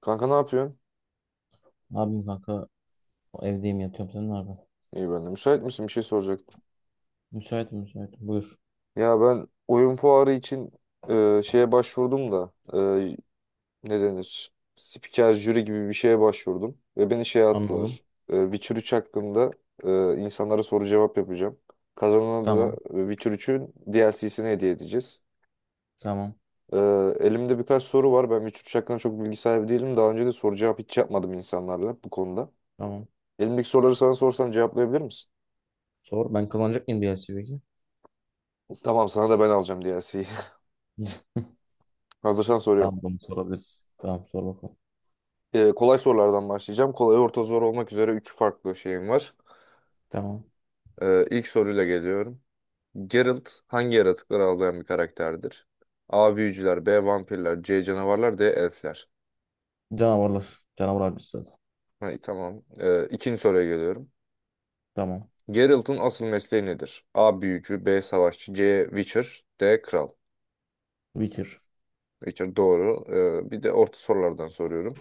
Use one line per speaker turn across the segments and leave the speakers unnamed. Kanka, ne yapıyorsun?
Ne yapayım, kanka? Evdeyim, yatıyorum. Sen ne yapıyorsun?
İyi, ben de. Müsait misin? Bir şey soracaktım.
Müsaitim, müsaitim. Buyur.
Ya, ben oyun fuarı için şeye başvurdum da ne denir? Spiker jüri gibi bir şeye başvurdum. Ve beni şeye
Anladım.
attılar. Witcher 3 hakkında insanlara soru cevap yapacağım. Kazanana da
Tamam.
Witcher 3'ün DLC'sini hediye edeceğiz.
Tamam.
E, Elimde birkaç soru var. Ben Witcher 3 hakkında çok bilgi sahibi değilim. Daha önce de soru cevap hiç yapmadım insanlarla bu konuda.
Tamam.
Elimdeki soruları sana sorsam cevaplayabilir misin?
Sor. Ben kazanacak mıyım DLC peki?
Tamam, sana da ben alacağım DLC'yi. Hazırsan soruyorum.
Tamam, bunu sorabiliriz. Tamam, sor bakalım.
Kolay sorulardan başlayacağım. Kolay, orta, zor olmak üzere 3 farklı şeyim var.
Tamam.
İlk soruyla geliyorum. Geralt hangi yaratıkları avlayan bir karakterdir? A. Büyücüler, B. Vampirler, C. Canavarlar, D. Elfler.
Canavarlar. Canavar avcısı zaten.
Ha, tamam. İkinci soruya geliyorum.
Tamam.
Geralt'ın asıl mesleği nedir? A. Büyücü, B. Savaşçı, C. Witcher, D. Kral.
Witcher.
Witcher doğru. Bir de orta sorulardan soruyorum.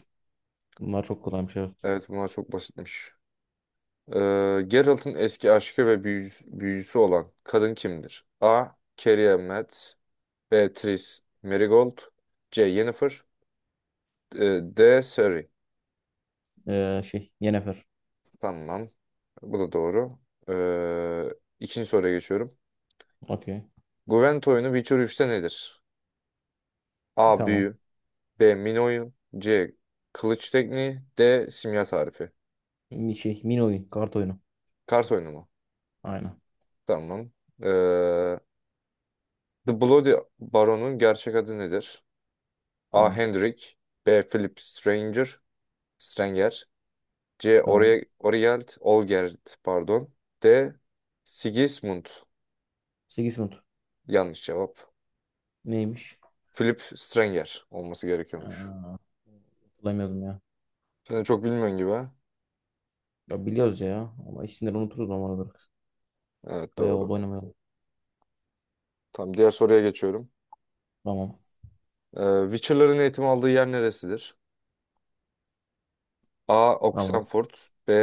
Bunlar çok kolaymış, evet.
Evet, bunlar çok basitmiş. Geralt'ın eski aşkı ve büyücüsü olan kadın kimdir? A. Carrie Elmet, Beatrice, Marigold, C. Yennefer, D. Siri.
Yennefer.
Tamam. Bu da doğru. Ee, ikinci soruya geçiyorum.
Okey.
Gwent oyunu Witcher üçte nedir? A.
Tamam.
Büyü, B. Min oyun, C. Kılıç tekniği, D. Simya tarifi.
Mini oyun. Kart oyunu.
Kart oyunu mu?
Aynen.
Tamam. Ee, The Bloody Baron'un gerçek adı nedir? A.
Tamam.
Hendrik, B. Philip Stranger Stranger, C.
Tamam.
Ori Origeld Olgerd, pardon, D. Sigismund.
Sigismund.
Yanlış cevap.
Neymiş?
Philip Strenger olması gerekiyormuş.
Aa, hatırlamıyordum ya.
Sen de çok bilmiyorsun gibi, ha?
Ya biliyoruz ya. Ama isimleri unuturuz normal olarak.
Evet,
Bayağı oldu
doğru.
oynamaya.
Tamam, diğer soruya geçiyorum.
Tamam.
Witcher'ların eğitim aldığı yer neresidir? A.
Tamam.
Oxenford, B.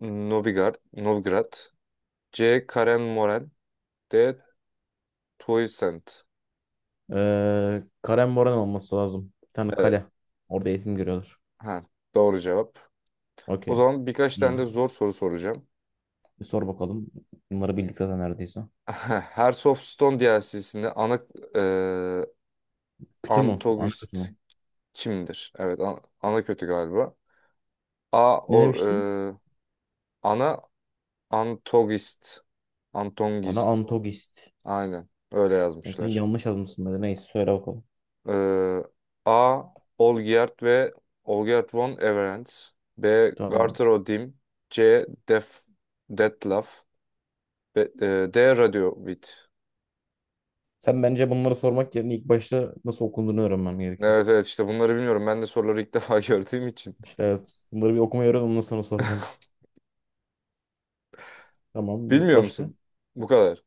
Novigrad, Novgorod, C. Karen Moren, D. Toysent.
Karen Moran olması lazım. Bir tane
Evet.
kale. Orada eğitim görüyorlar.
Ha, doğru cevap. O
Okey.
zaman birkaç tane de
İyi.
zor soru soracağım.
Bir sor bakalım. Bunları bildik zaten neredeyse.
Hearts of Stone DLC'sinde ana e,
Kütü mü? Ana kütü
antagonist
mü?
kimdir? Evet, ana kötü galiba. A.
Ne demiştin?
E, ana antogist.
Ona
Antongist.
antogist.
Aynen. Öyle
Sen
yazmışlar.
yanlış yazmışsın böyle. Neyse, söyle bakalım.
Ee, A. Olgierd ve Olgierd von Everens, B.
Tamam.
Garter Odim, C. Detlef, D. Radiovid.
Sen bence bunları sormak yerine ilk başta nasıl okunduğunu öğrenmem gerekiyor.
Evet evet, işte bunları bilmiyorum. Ben de soruları ilk defa gördüğüm için.
İşte evet. Bunları bir okumayı öğren, ondan sonra sor bence. Tamam.
Bilmiyor
Başka?
musun? Bu kadar.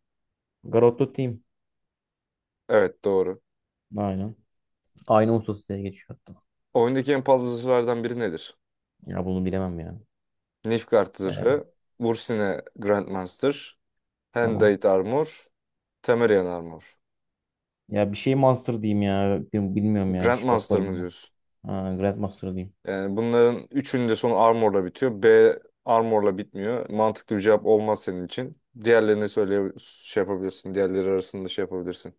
Garotto Team.
Evet, doğru.
Aynen. Aynı ustası diye geçiyor hatta.
Oyundaki en pahalı zırhlardan biri nedir?
Ya bunu bilemem yani.
Nilfgaard
Ee,
zırhı, Bursine Grandmaster,
tamam.
Hendate Armor, Temerian Armor.
Ya bir şey Monster diyeyim ya. Bilmiyorum yani. Hiç
Grandmaster mı
bakmadım ben.
diyorsun?
Ha, Grandmaster diyeyim.
Yani bunların üçünün de sonu Armor'la bitiyor. B Armor'la bitmiyor. Mantıklı bir cevap olmaz senin için. Diğerlerini söyle, şey yapabilirsin. Diğerleri arasında şey yapabilirsin.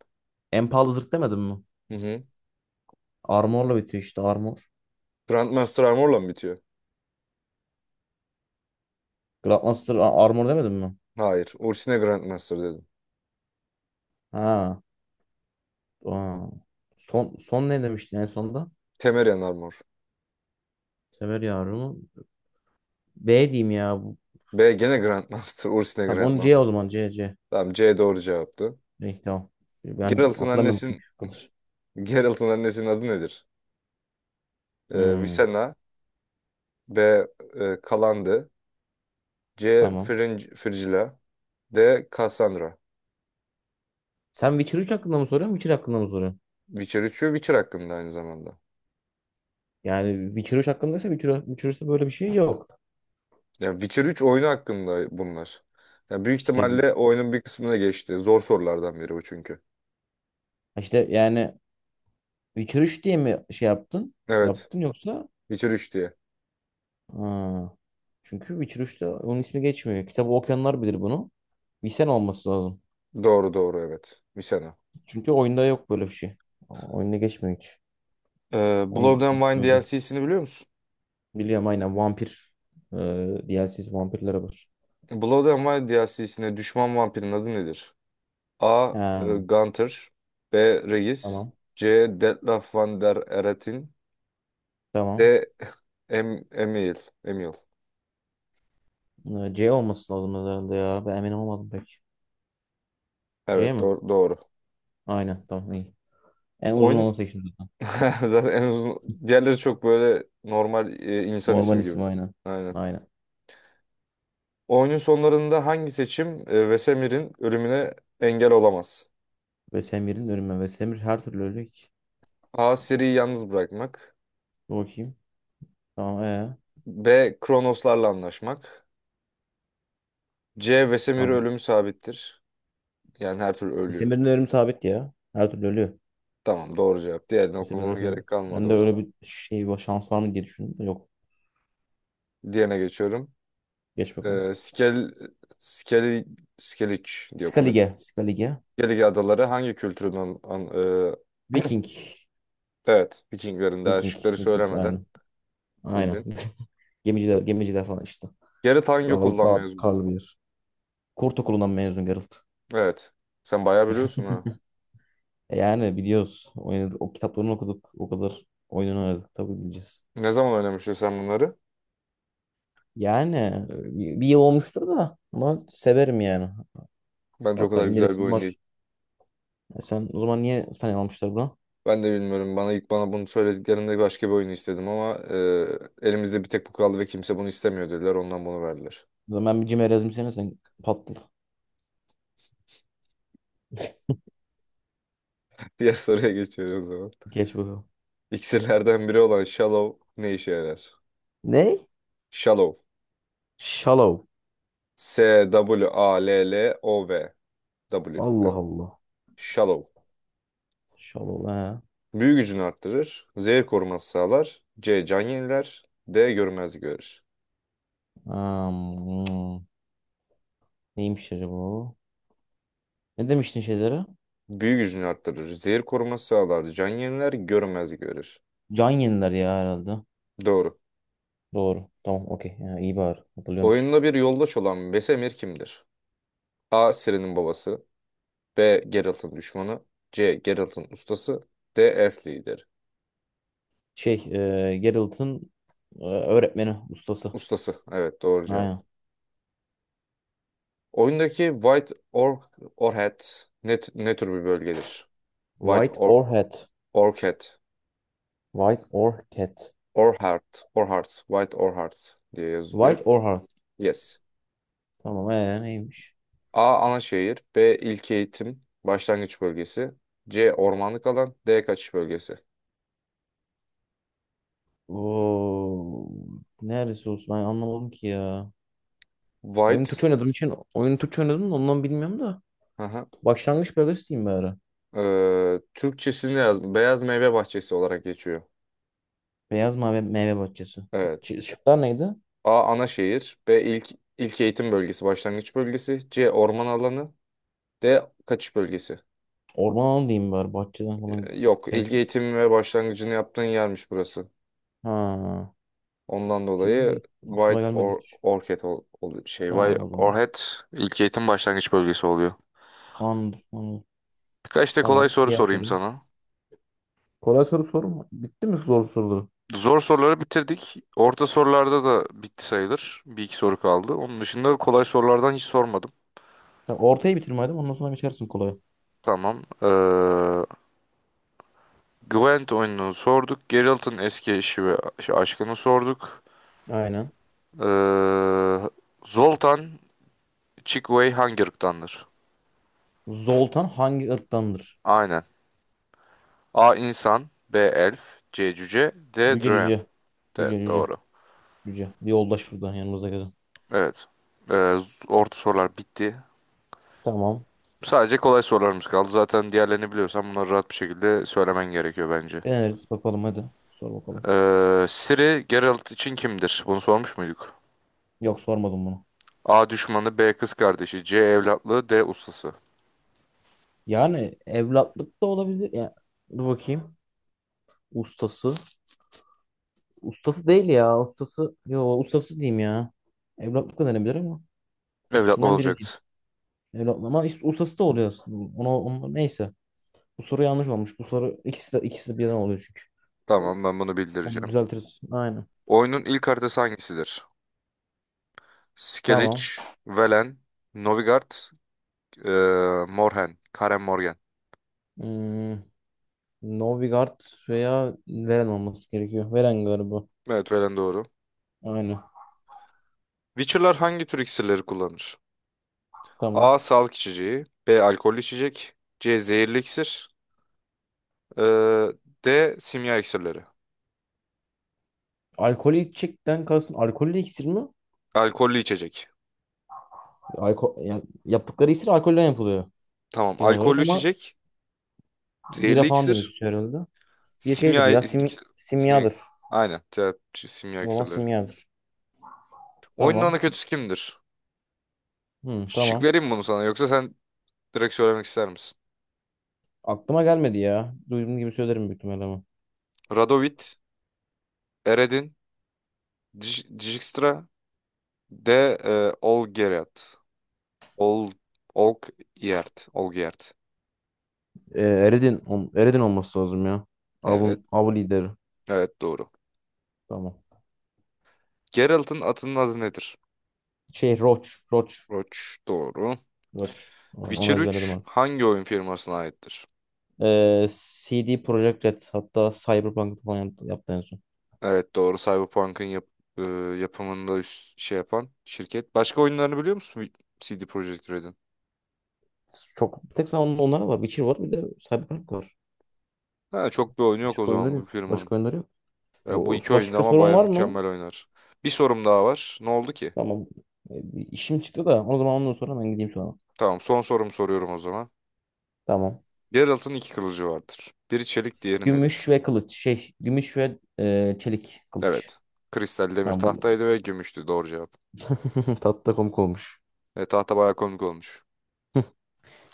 En pahalı zırh demedim mi?
Hı hı.
Armor'la bitiyor işte, Armor.
Grandmaster Armor'la mı bitiyor?
Armor demedim mi?
Hayır. Ursine Grandmaster dedim.
Ha. Aa. Son, son ne demiştin en sonda?
Temerian Armor.
Sever yavrumu. B diyeyim ya, bu.
B gene Grandmaster. Ursine
Tamam, onu C o
Grandmaster.
zaman. C.
Tamam, C doğru cevaptı.
İyi, tamam. Ben
Geralt'ın
hatırlamıyorum
annesinin
çünkü. Kalır.
Geralt'ın annesinin adı nedir?
Hmm,
Visenna. B, Kalandi. C.
tamam.
Frigila. D. Cassandra.
Sen Witcher 3 hakkında mı soruyorsun? Witcher hakkında mı soruyorsun?
Witcher 3 ve Witcher hakkında aynı zamanda.
Yani Witcher 3 hakkındaysa Witcher, Witcher 3'te böyle bir şey yok.
Yani Witcher üç oyunu hakkında bunlar. Yani büyük
İşte bir-
ihtimalle oyunun bir kısmına geçti. Zor sorulardan biri bu çünkü.
işte yani Witcher 3 diye mi şey yaptın?
Evet.
Yaptın yoksa?
Witcher üç diye.
Ha. Çünkü Witcher 3'te onun ismi geçmiyor. Kitabı okuyanlar bilir bunu. Bilsen olması lazım.
Doğru doğru, evet. Misena.
Çünkü oyunda yok böyle bir şey. Oyunda geçmiyor hiç. Onu
Blood and Wine
söyleyeyim.
DLC'sini biliyor musun?
Biliyorum, aynen, vampir e, DLC'si vampirlere var.
Blood and Wine DLC'sine düşman vampirin adı nedir? A.
Ha,
Gunther, B. Regis,
tamam.
C. Detlef Van der Eratin,
Tamam.
D. Emil. Emil.
C olması lazım herhalde ya. Ben emin olmadım pek. C
Evet,
mi?
doğru, doğru.
Aynen, tamam, iyi. En uzun
Oyun
olanı seçtim zaten.
zaten en uzun, diğerleri çok böyle normal insan
Normal
ismi gibi.
isim, aynen.
Aynen.
Aynen.
Oyunun sonlarında hangi seçim Vesemir'in ölümüne engel olamaz?
Vesemir'in ölümü. Vesemir her türlü ölecek.
A. Ciri'yi yalnız bırakmak.
Dur bakayım. Tamam ee.
B. Kronoslarla anlaşmak. C. Vesemir'in
Tamam.
ölümü sabittir. Yani her türlü ölüyor.
Semir'in ölümü sabit ya. Her türlü ölüyor.
Tamam, doğru cevap. Diğerini
Semir ölümü
okumama gerek
sabit.
kalmadı
Ben de
o
öyle
zaman.
bir şey var, şans var mı diye düşündüm. Yok.
Diğerine geçiyorum.
Geç bakalım.
E, Skel, Skeli, Skeliç diye okunuyor.
Skalige.
Skellige Adaları hangi kültürün
Viking.
evet. Vikinglerin, daha
Viking.
şıkları
Viking.
söylemeden
Aynen. Aynen.
bildin.
Gemiciler, gemiciler falan işte.
Gerrit hangi
Dağlı,
okuldan
dağ,
mezunudur?
karlı bir yer. Kurt okulundan mezun Geralt.
Evet. Sen bayağı biliyorsun, ha?
Yani biliyoruz. Oynadık. O kitaplarını okuduk. O kadar oyununu oynadık. Tabii bileceğiz.
Ne zaman oynamıştın sen bunları?
Yani e, bir yıl olmuştur da, ama severim yani.
Bence o
Hatta
kadar güzel bir
indiresim
oyun değil.
var. Sen o zaman niye almışlar buna?
Ben de bilmiyorum. Bana bunu söylediklerinde başka bir oyun istedim ama elimizde bir tek bu kaldı ve kimse bunu istemiyor dediler. Ondan bunu verdiler.
O zaman bir cimer yazmışsana sen, patladı.
Diğer soruya geçiyoruz o zaman.
Geç bakalım.
İksirlerden biri olan Shallow ne işe yarar?
Ne?
Shallow.
Shallow.
S-W-A-L-L-O-V. W. A L L O W. W.
Allah
Yani.
Allah.
Shallow.
Shallow, he.
Büyü gücünü arttırır. Zehir koruması sağlar. C. Can yeniler. D. Görmezlik verir.
Hmm. Neymiş acaba o? Ne demiştin şeylere?
Büyü gücünü arttırır. Zehir koruması sağlar. Can yeniler. Görmezlik verir.
Can yeniler ya herhalde.
Doğru.
Doğru. Tamam, okey. Ya, iyi bari. Hatırlıyormuş.
Oyunda bir yoldaş olan Vesemir kimdir? A. Ciri'nin babası. B. Geralt'ın düşmanı. C. Geralt'ın ustası. D. Elf lideri.
Şey Geralt'ın öğretmeni. Ustası.
Ustası. Evet, doğru cevap.
Aynen.
Oyundaki White Orc Orchid ne tür bir bölgedir? White
White
Or
Orchid.
Orchid,
White Orchid.
Orchard, Orhard, White Orhard diye yazılıyor.
White Orchid.
Yes.
Tamam neymiş?
A. Ana şehir. B. İlköğitim. Başlangıç bölgesi. C. Ormanlık alan. D. Kaçış bölgesi.
Oo, neresi olsun, ben anlamadım ki ya.
White.
Oyun Türkçe oynadım da ondan bilmiyorum da.
Aha.
Başlangıç bölgesi diyeyim bari.
Türkçesini yazdım. Beyaz meyve bahçesi olarak geçiyor.
Beyaz mavi meyve bahçesi.
Evet.
Şıklar neydi?
A. Ana şehir. B. İlk eğitim bölgesi. Başlangıç bölgesi. C. Orman alanı. D. Kaçış bölgesi.
Orman alanı diyeyim bari. Bahçeden falan
Yok. İlk
gidersek.
eğitim ve başlangıcını yaptığın yermiş burası.
Ha.
Ondan
İyi.
dolayı
Aklıma
White
gelmedi
or
hiç.
Orchid,
Tamam
White
o zaman.
Orchid ilk eğitim başlangıç bölgesi oluyor.
Anladım, anladım.
Birkaç da kolay
Tamam.
soru
Diğer
sorayım
soruyu.
sana.
Kolay soru sorma. Bitti mi zor soruları?
Zor soruları bitirdik. Orta sorularda da bitti sayılır. Bir iki soru kaldı. Onun dışında kolay sorulardan hiç sormadım.
Tamam, ortayı bitirme hadi. Ondan sonra geçersin kolaya.
Tamam. Gwent oyununu sorduk. Geralt'ın eski eşi ve şey, aşkını sorduk.
Aynen.
Ee, Zoltan Chickaway hangi ırktandır?
Zoltan hangi ırktandır?
Aynen. A. insan B. Elf, C. Cüce, D.
Cüce
Draen.
cüce. Cüce
Evet,
cüce.
doğru.
Cüce. Bir yoldaş buradan yanımızda gelen.
Evet. Orta sorular bitti.
Tamam.
Sadece kolay sorularımız kaldı. Zaten diğerlerini biliyorsan bunları rahat bir şekilde söylemen gerekiyor bence.
Deneriz bakalım hadi. Sor bakalım.
Siri Geralt için kimdir? Bunu sormuş muyduk?
Yok, sormadım bunu.
A düşmanı, B kız kardeşi, C evlatlığı, D ustası.
Yani evlatlık da olabilir. Ya, dur bakayım. Ustası. Ustası değil ya. Ustası. Yo, ustası diyeyim ya. Evlatlık da denebilir ama.
Evlatlı
İkisinden biri diyeyim.
olacaktı.
Evlatlık ama ustası da oluyor aslında. Ona, ona, neyse. Bu soru yanlış olmuş. Bu soru ikisi de birden oluyor çünkü.
Tamam, ben bunu
Onu
bildireceğim.
düzeltiriz. Aynen.
Oyunun ilk haritası hangisidir?
Tamam.
Skellige, Velen, Novigrad, ee, Morhen, Karen Morgen.
Hmm, Novigard veya Veren olması gerekiyor. Veren galiba.
Evet, Velen doğru.
Aynen.
Witcher'lar hangi tür iksirleri kullanır?
Tamam.
A. Sağlık içeceği. B. Alkollü içecek. C. Zehirli iksir. Ee, D. Simya iksirleri.
Alkolü içecekten kalsın. Alkollü iksir mi?
Alkollü içecek.
Alko, yani yaptıkları iksir alkolden yapılıyor
Tamam.
genel olarak
Alkollü
ama
içecek.
bira
Zehirli
falan demek
iksir.
istiyor herhalde. Bir şeydir
Simya
ya,
iksir. Simya.
simyadır.
Aynen. Cevap simya
O zaman
iksirleri.
simyadır.
Oyunun
Tamam.
ana kötüsü kimdir?
Hı,
Şık
tamam.
vereyim mi bunu sana, yoksa sen direkt söylemek ister misin?
Aklıma gelmedi ya. Duyduğum gibi söylerim büyük ihtimalle ama.
Radovit, Eredin, Dijkstra, D. Olgeriat. Ol, Olgierd. Olgierd.
Eredin olması lazım ya.
Evet.
Avun, av lideri.
Evet, doğru.
Tamam.
Geralt'ın atının adı nedir?
Şey, Roach. Roach.
Roç doğru.
Roach. Onu
Witcher
ezberledim
3
abi.
hangi oyun firmasına aittir?
CD Projekt Red. Hatta Cyberpunk'ta falan yaptı, yaptı en son.
Evet, doğru. Cyberpunk'ın e, yapımında üst şey yapan şirket. Başka oyunlarını biliyor musun CD Projekt Red'in?
Çok bir tek zaman onlara var. Witcher var, bir de Cyberpunk var.
Ha, çok bir oyunu yok o
Başka
zaman
oyunları
bu
yok.
firmanın.
Başka oyunları yok.
Yani bu iki oyunda
Başka
ama
sorun
baya
var mı?
mükemmel oynar. Bir sorum daha var. Ne oldu ki?
Tamam. Bir işim çıktı da o zaman, ondan sonra ben gideyim sonra.
Tamam, son sorum soruyorum o zaman.
Tamam.
Geralt'ın iki kılıcı vardır. Biri çelik, diğeri nedir?
Gümüş ve kılıç. Gümüş ve çelik kılıç.
Evet. Kristal demir
Ha, bu
tahtaydı ve gümüştü doğru cevap.
tatlı da komik olmuş.
Tahta baya komik olmuş.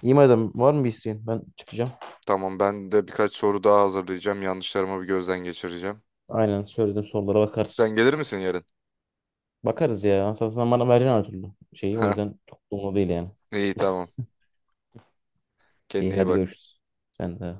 İyi madem, var mı bir isteğin? Ben çıkacağım.
Tamam, ben de birkaç soru daha hazırlayacağım. Yanlışlarımı bir gözden geçireceğim.
Aynen, söylediğim sorulara bakarız.
Sen gelir misin yarın?
Bakarız ya. Sen bana vereceksin her türlü şeyi. O yüzden çok da umurumda değil yani.
İyi, tamam. Kendine
İyi
iyi
hadi,
bak.
görüşürüz. Sen de.